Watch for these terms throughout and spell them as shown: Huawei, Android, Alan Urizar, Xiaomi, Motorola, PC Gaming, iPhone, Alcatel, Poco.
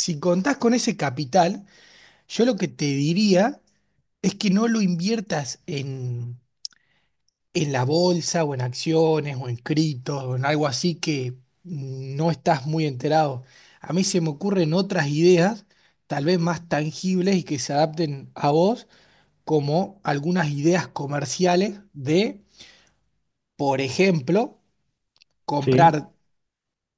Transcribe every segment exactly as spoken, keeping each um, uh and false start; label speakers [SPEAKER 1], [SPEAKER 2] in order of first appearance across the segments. [SPEAKER 1] Si contás con ese capital, yo lo que te diría es que no lo inviertas en, en la bolsa o en acciones o en criptos o en algo así que no estás muy enterado. A mí se me ocurren otras ideas, tal vez más tangibles y que se adapten a vos, como algunas ideas comerciales de, por ejemplo,
[SPEAKER 2] Sí,
[SPEAKER 1] comprar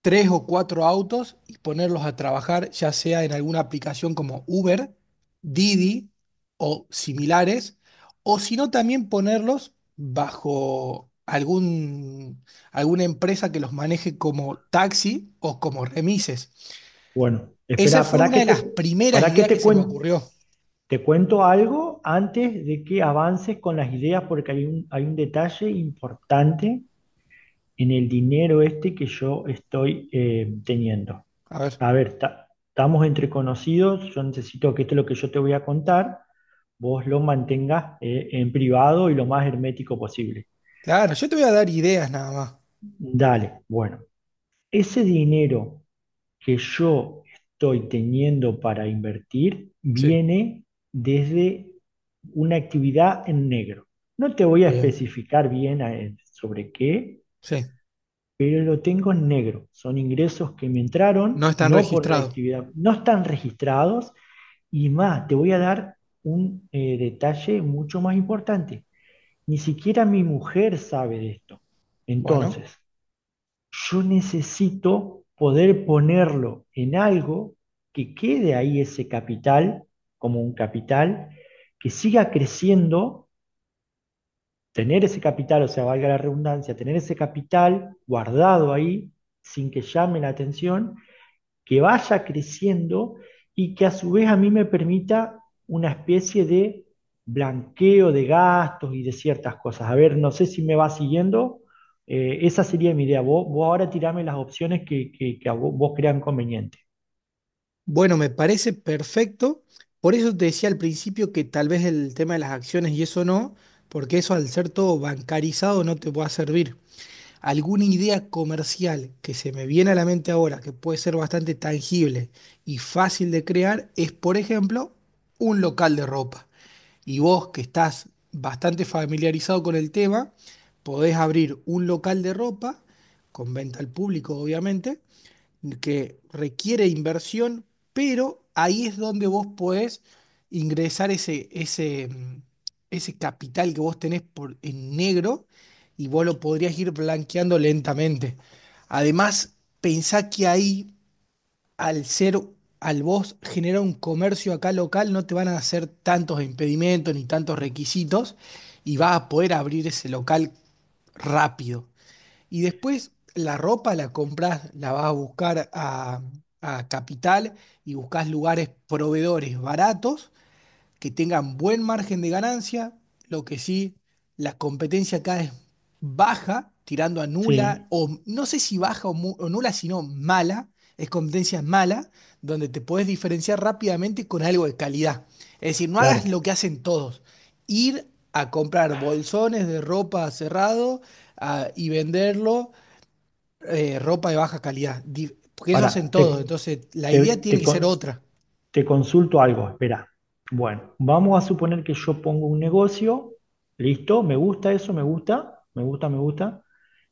[SPEAKER 1] tres o cuatro autos y ponerlos a trabajar, ya sea en alguna aplicación como Uber, Didi o similares, o si no, también ponerlos bajo algún, alguna empresa que los maneje como taxi o como remises.
[SPEAKER 2] bueno,
[SPEAKER 1] Esa
[SPEAKER 2] espera,
[SPEAKER 1] fue
[SPEAKER 2] ¿para
[SPEAKER 1] una
[SPEAKER 2] que
[SPEAKER 1] de las
[SPEAKER 2] te,
[SPEAKER 1] primeras
[SPEAKER 2] para que
[SPEAKER 1] ideas que
[SPEAKER 2] te,
[SPEAKER 1] se me
[SPEAKER 2] cuen-
[SPEAKER 1] ocurrió.
[SPEAKER 2] te cuento algo antes de que avances con las ideas? Porque hay un, hay un detalle importante en el dinero este que yo estoy eh, teniendo.
[SPEAKER 1] A ver,
[SPEAKER 2] A ver, ta- estamos entre conocidos, yo necesito que esto es lo que yo te voy a contar, vos lo mantengas eh, en privado y lo más hermético posible.
[SPEAKER 1] claro, yo te voy a dar ideas nada más.
[SPEAKER 2] Dale, bueno, ese dinero que yo estoy teniendo para invertir
[SPEAKER 1] Sí,
[SPEAKER 2] viene desde una actividad en negro. No te voy a
[SPEAKER 1] bien,
[SPEAKER 2] especificar bien eh, sobre qué,
[SPEAKER 1] sí,
[SPEAKER 2] pero lo tengo en negro. Son ingresos que me
[SPEAKER 1] no
[SPEAKER 2] entraron,
[SPEAKER 1] están
[SPEAKER 2] no por mi
[SPEAKER 1] registrados.
[SPEAKER 2] actividad, no están registrados y más, te voy a dar un eh, detalle mucho más importante. Ni siquiera mi mujer sabe de esto.
[SPEAKER 1] Bueno.
[SPEAKER 2] Entonces, yo necesito poder ponerlo en algo que quede ahí ese capital, como un capital, que siga creciendo, tener ese capital, o sea, valga la redundancia, tener ese capital guardado ahí sin que llame la atención, que vaya creciendo y que a su vez a mí me permita una especie de blanqueo de gastos y de ciertas cosas. A ver, no sé si me va siguiendo. Eh, esa sería mi idea. Vos, vos ahora tirame las opciones que, que- que a vos, vos crean conveniente.
[SPEAKER 1] Bueno, me parece perfecto. Por eso te decía al principio que tal vez el tema de las acciones y eso no, porque eso al ser todo bancarizado no te va a servir. ¿Alguna idea comercial que se me viene a la mente ahora, que puede ser bastante tangible y fácil de crear, es, por ejemplo, un local de ropa? Y vos que estás bastante familiarizado con el tema, podés abrir un local de ropa, con venta al público, obviamente que requiere inversión, pero ahí es donde vos podés ingresar ese, ese, mm, ese capital que vos tenés por, en negro y vos lo podrías ir blanqueando lentamente. Además, pensá que ahí, al ser, al vos generar un comercio acá local, no te van a hacer tantos impedimentos ni tantos requisitos y vas a poder abrir ese local rápido. Y después la ropa la compras, la vas a buscar a, a Capital y buscas lugares proveedores baratos que tengan buen margen de ganancia. Lo que sí, la competencia acá es baja, tirando a nula,
[SPEAKER 2] Sí,
[SPEAKER 1] o no sé si baja o, mu- o nula, sino mala. Es competencia mala, donde te puedes diferenciar rápidamente con algo de calidad. Es decir, no hagas
[SPEAKER 2] claro.
[SPEAKER 1] lo que hacen todos. Ir a comprar bolsones de ropa cerrado, ah, y venderlo eh, ropa de baja calidad, Di- porque eso hacen
[SPEAKER 2] Ahora,
[SPEAKER 1] todos,
[SPEAKER 2] te,
[SPEAKER 1] entonces la
[SPEAKER 2] te,
[SPEAKER 1] idea tiene
[SPEAKER 2] te
[SPEAKER 1] que ser
[SPEAKER 2] con-
[SPEAKER 1] otra.
[SPEAKER 2] te consulto algo, espera. Bueno, vamos a suponer que yo pongo un negocio. Listo, me gusta eso, me gusta, me gusta, me gusta.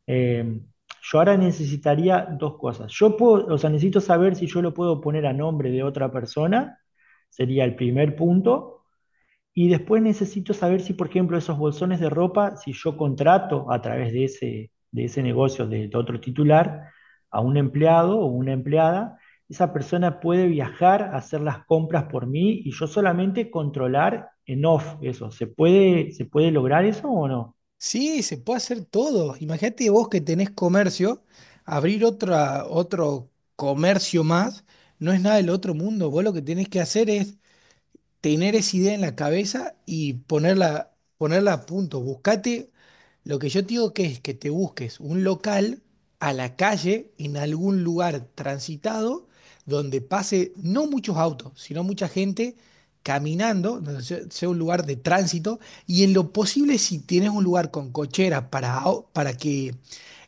[SPEAKER 2] Eh, yo ahora necesitaría dos cosas. Yo puedo, o sea, necesito saber si yo lo puedo poner a nombre de otra persona, sería el primer punto. Y después necesito saber si, por ejemplo, esos bolsones de ropa, si yo contrato a través de ese, de ese negocio de, de otro titular a un empleado o una empleada, esa persona puede viajar a hacer las compras por mí y yo solamente controlar en off eso. ¿Se puede, se puede lograr eso o no?
[SPEAKER 1] Sí, se puede hacer todo. Imagínate vos que tenés comercio, abrir otra, otro comercio más, no es nada del otro mundo. Vos lo que tenés que hacer es tener esa idea en la cabeza y ponerla, ponerla a punto. Buscate, lo que yo te digo que es que te busques un local a la calle, en algún lugar transitado, donde pase no muchos autos, sino mucha gente caminando, donde se- sea un lugar de tránsito, y en lo posible si tienes un lugar con cochera para, au- para que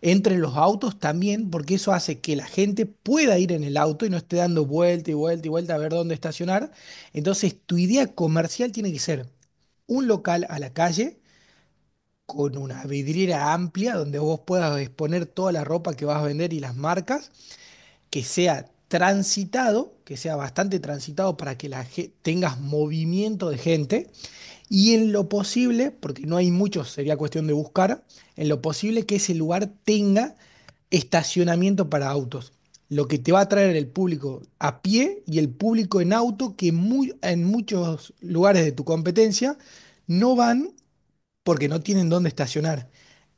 [SPEAKER 1] entren los autos también, porque eso hace que la gente pueda ir en el auto y no esté dando vuelta y vuelta y vuelta a ver dónde estacionar, entonces, tu idea comercial tiene que ser un local a la calle con una vidriera amplia donde vos puedas exponer toda la ropa que vas a vender y las marcas, que sea transitado, que sea bastante transitado para que la ge- tengas movimiento de gente y en lo posible, porque no hay muchos, sería cuestión de buscar, en lo posible que ese lugar tenga estacionamiento para autos. Lo que te va a traer el público a pie y el público en auto, que muy, en muchos lugares de tu competencia no van porque no tienen dónde estacionar.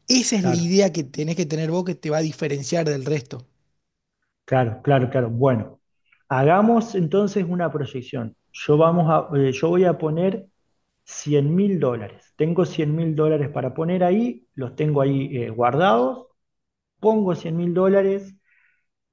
[SPEAKER 1] Esa es la
[SPEAKER 2] Claro.
[SPEAKER 1] idea que tenés que tener vos que te va a diferenciar del resto.
[SPEAKER 2] Claro, claro, claro. Bueno, hagamos entonces una proyección. Yo, vamos a, eh, yo voy a poner cien mil dólares. Tengo cien mil dólares para poner ahí, los tengo ahí eh, guardados. Pongo cien mil dólares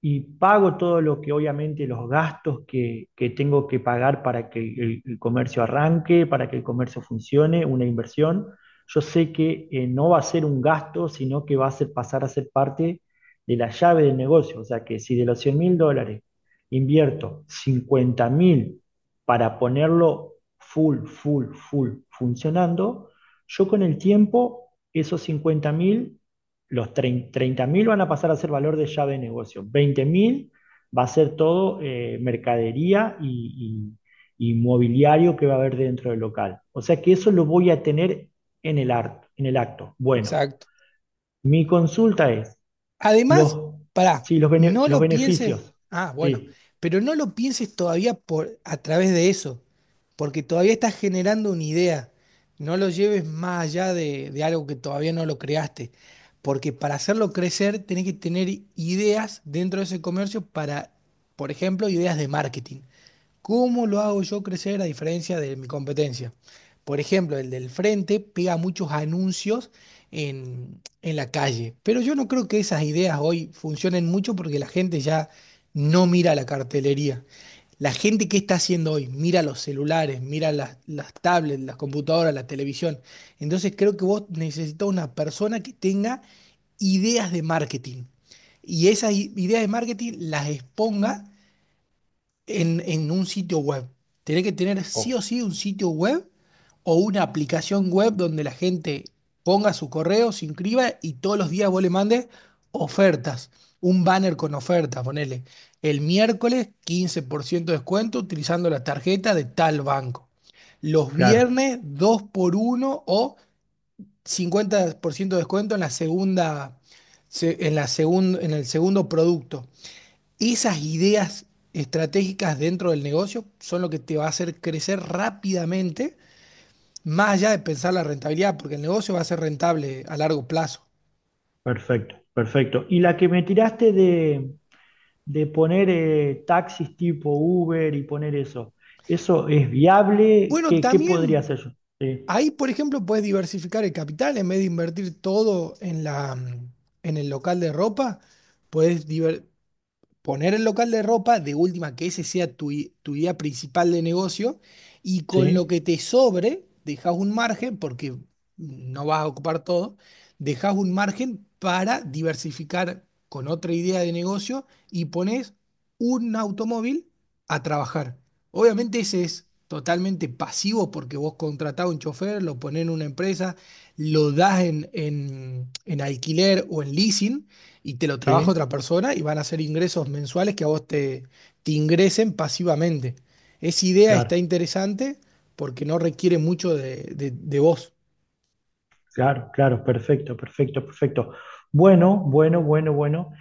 [SPEAKER 2] y pago todo lo que obviamente los gastos que, que tengo que pagar para que el, el comercio arranque, para que el comercio funcione, una inversión, yo sé que eh, no va a ser un gasto, sino que va a ser, pasar a ser parte de la llave del negocio. O sea que si de los cien mil dólares invierto cincuenta mil para ponerlo full, full, full funcionando, yo con el tiempo esos cincuenta mil, los treinta mil van a pasar a ser valor de llave de negocio. Veinte mil va a ser todo eh, mercadería y, y, y mobiliario que va a haber dentro del local. O sea que eso lo voy a tener en el, ar- en el acto. Bueno,
[SPEAKER 1] Exacto.
[SPEAKER 2] mi consulta es,
[SPEAKER 1] Además,
[SPEAKER 2] los,
[SPEAKER 1] pará,
[SPEAKER 2] sí, los, bene-
[SPEAKER 1] no
[SPEAKER 2] los
[SPEAKER 1] lo pienses,
[SPEAKER 2] beneficios.
[SPEAKER 1] ah, bueno,
[SPEAKER 2] Sí.
[SPEAKER 1] pero no lo pienses todavía por, a través de eso, porque todavía estás generando una idea. No lo lleves más allá de, de algo que todavía no lo creaste, porque para hacerlo crecer tenés que tener ideas dentro de ese comercio para, por ejemplo, ideas de marketing. ¿Cómo lo hago yo crecer a diferencia de mi competencia? Por ejemplo, el del frente pega muchos anuncios en, en la calle, pero yo no creo que esas ideas hoy funcionen mucho porque la gente ya no mira la cartelería. La gente que está haciendo hoy, mira los celulares, mira las, las tablets, las computadoras, la televisión. Entonces creo que vos necesitas una persona que tenga ideas de marketing y esas i- ideas de marketing las exponga en, en un sitio web. Tenés que tener sí o
[SPEAKER 2] Oh,
[SPEAKER 1] sí un sitio web o una aplicación web donde la gente ponga su correo, se inscriba y todos los días vos le mandes ofertas. Un banner con oferta, ponele. El miércoles quince por ciento de descuento utilizando la tarjeta de tal banco. Los
[SPEAKER 2] claro,
[SPEAKER 1] viernes dos por uno o cincuenta por ciento de descuento en la segunda, se- en la segun- en el segundo producto. Esas ideas estratégicas dentro del negocio son lo que te va a hacer crecer rápidamente, más allá de pensar la rentabilidad, porque el negocio va a ser rentable a largo plazo.
[SPEAKER 2] perfecto, perfecto. Y la que me tiraste de, de poner eh, taxis tipo Uber y poner eso. ¿Eso es viable?
[SPEAKER 1] Bueno,
[SPEAKER 2] ¿Qué, qué podría
[SPEAKER 1] también
[SPEAKER 2] hacer yo? Sí,
[SPEAKER 1] ahí, por ejemplo, puedes diversificar el capital en vez de invertir todo en la, en el local de ropa, puedes diver- poner el local de ropa, de última que ese sea tu, i- tu idea principal de negocio, y con lo
[SPEAKER 2] sí,
[SPEAKER 1] que te sobre, dejas un margen, porque no vas a ocupar todo, dejas un margen para diversificar con otra idea de negocio y pones un automóvil a trabajar. Obviamente ese es totalmente pasivo porque vos contratás a un chofer, lo ponés en una empresa, lo das en, en en alquiler o en leasing y te lo trabaja
[SPEAKER 2] sí,
[SPEAKER 1] otra persona y van a ser ingresos mensuales que a vos te, te ingresen pasivamente. Esa idea está
[SPEAKER 2] claro.
[SPEAKER 1] interesante porque no requiere mucho de, de- de vos.
[SPEAKER 2] Claro, claro, perfecto, perfecto, perfecto. Bueno, bueno, bueno, bueno.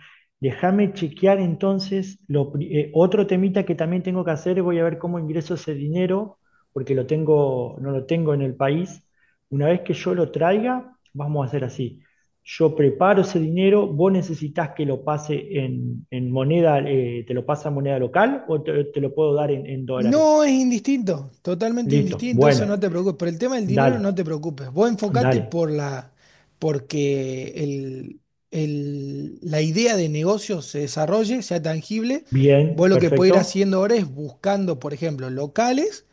[SPEAKER 2] Déjame chequear entonces lo pri- eh, otro temita que también tengo que hacer. Voy a ver cómo ingreso ese dinero, porque lo tengo, no lo tengo en el país. Una vez que yo lo traiga, vamos a hacer así. Yo preparo ese dinero, vos necesitas que lo pase en, en moneda, eh, te lo pasa en moneda local o te, te lo puedo dar en en dólares.
[SPEAKER 1] No es indistinto, totalmente
[SPEAKER 2] Listo,
[SPEAKER 1] indistinto, eso
[SPEAKER 2] bueno,
[SPEAKER 1] no te preocupes. Por el tema del dinero
[SPEAKER 2] dale,
[SPEAKER 1] no te preocupes. Vos enfocate
[SPEAKER 2] dale.
[SPEAKER 1] por la, porque el, el- la idea de negocio se desarrolle, sea tangible. Vos
[SPEAKER 2] Bien,
[SPEAKER 1] lo que podés ir
[SPEAKER 2] perfecto.
[SPEAKER 1] haciendo ahora es buscando, por ejemplo, locales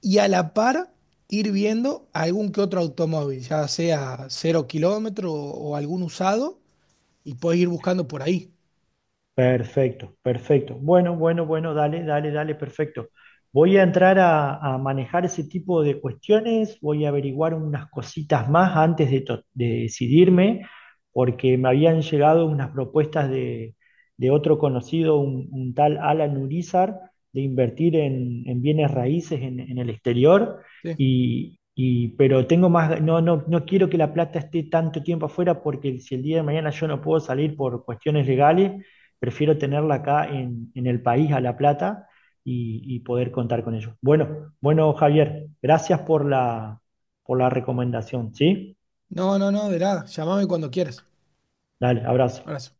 [SPEAKER 1] y a la par ir viendo algún que otro automóvil, ya sea cero kilómetro o, o algún usado, y puedes ir buscando por ahí.
[SPEAKER 2] Perfecto, perfecto. Bueno, bueno, bueno, dale, dale, dale, perfecto. Voy a entrar a, a manejar ese tipo de cuestiones, voy a averiguar unas cositas más antes de, to- de decidirme, porque me habían llegado unas propuestas de, de otro conocido, un, un tal Alan Urizar, de invertir en, en bienes raíces en, en el exterior,
[SPEAKER 1] ¿Sí?
[SPEAKER 2] y, y- pero tengo más, no, no, no quiero que la plata esté tanto tiempo afuera, porque si el día de mañana yo no puedo salir por cuestiones legales, prefiero tenerla acá en, en el país, a La Plata, y, y poder contar con ellos. Bueno, bueno, Javier, gracias por la, por la recomendación, ¿sí?
[SPEAKER 1] No, no, no, de nada. Llámame cuando quieras.
[SPEAKER 2] Dale, abrazo.
[SPEAKER 1] Abrazo.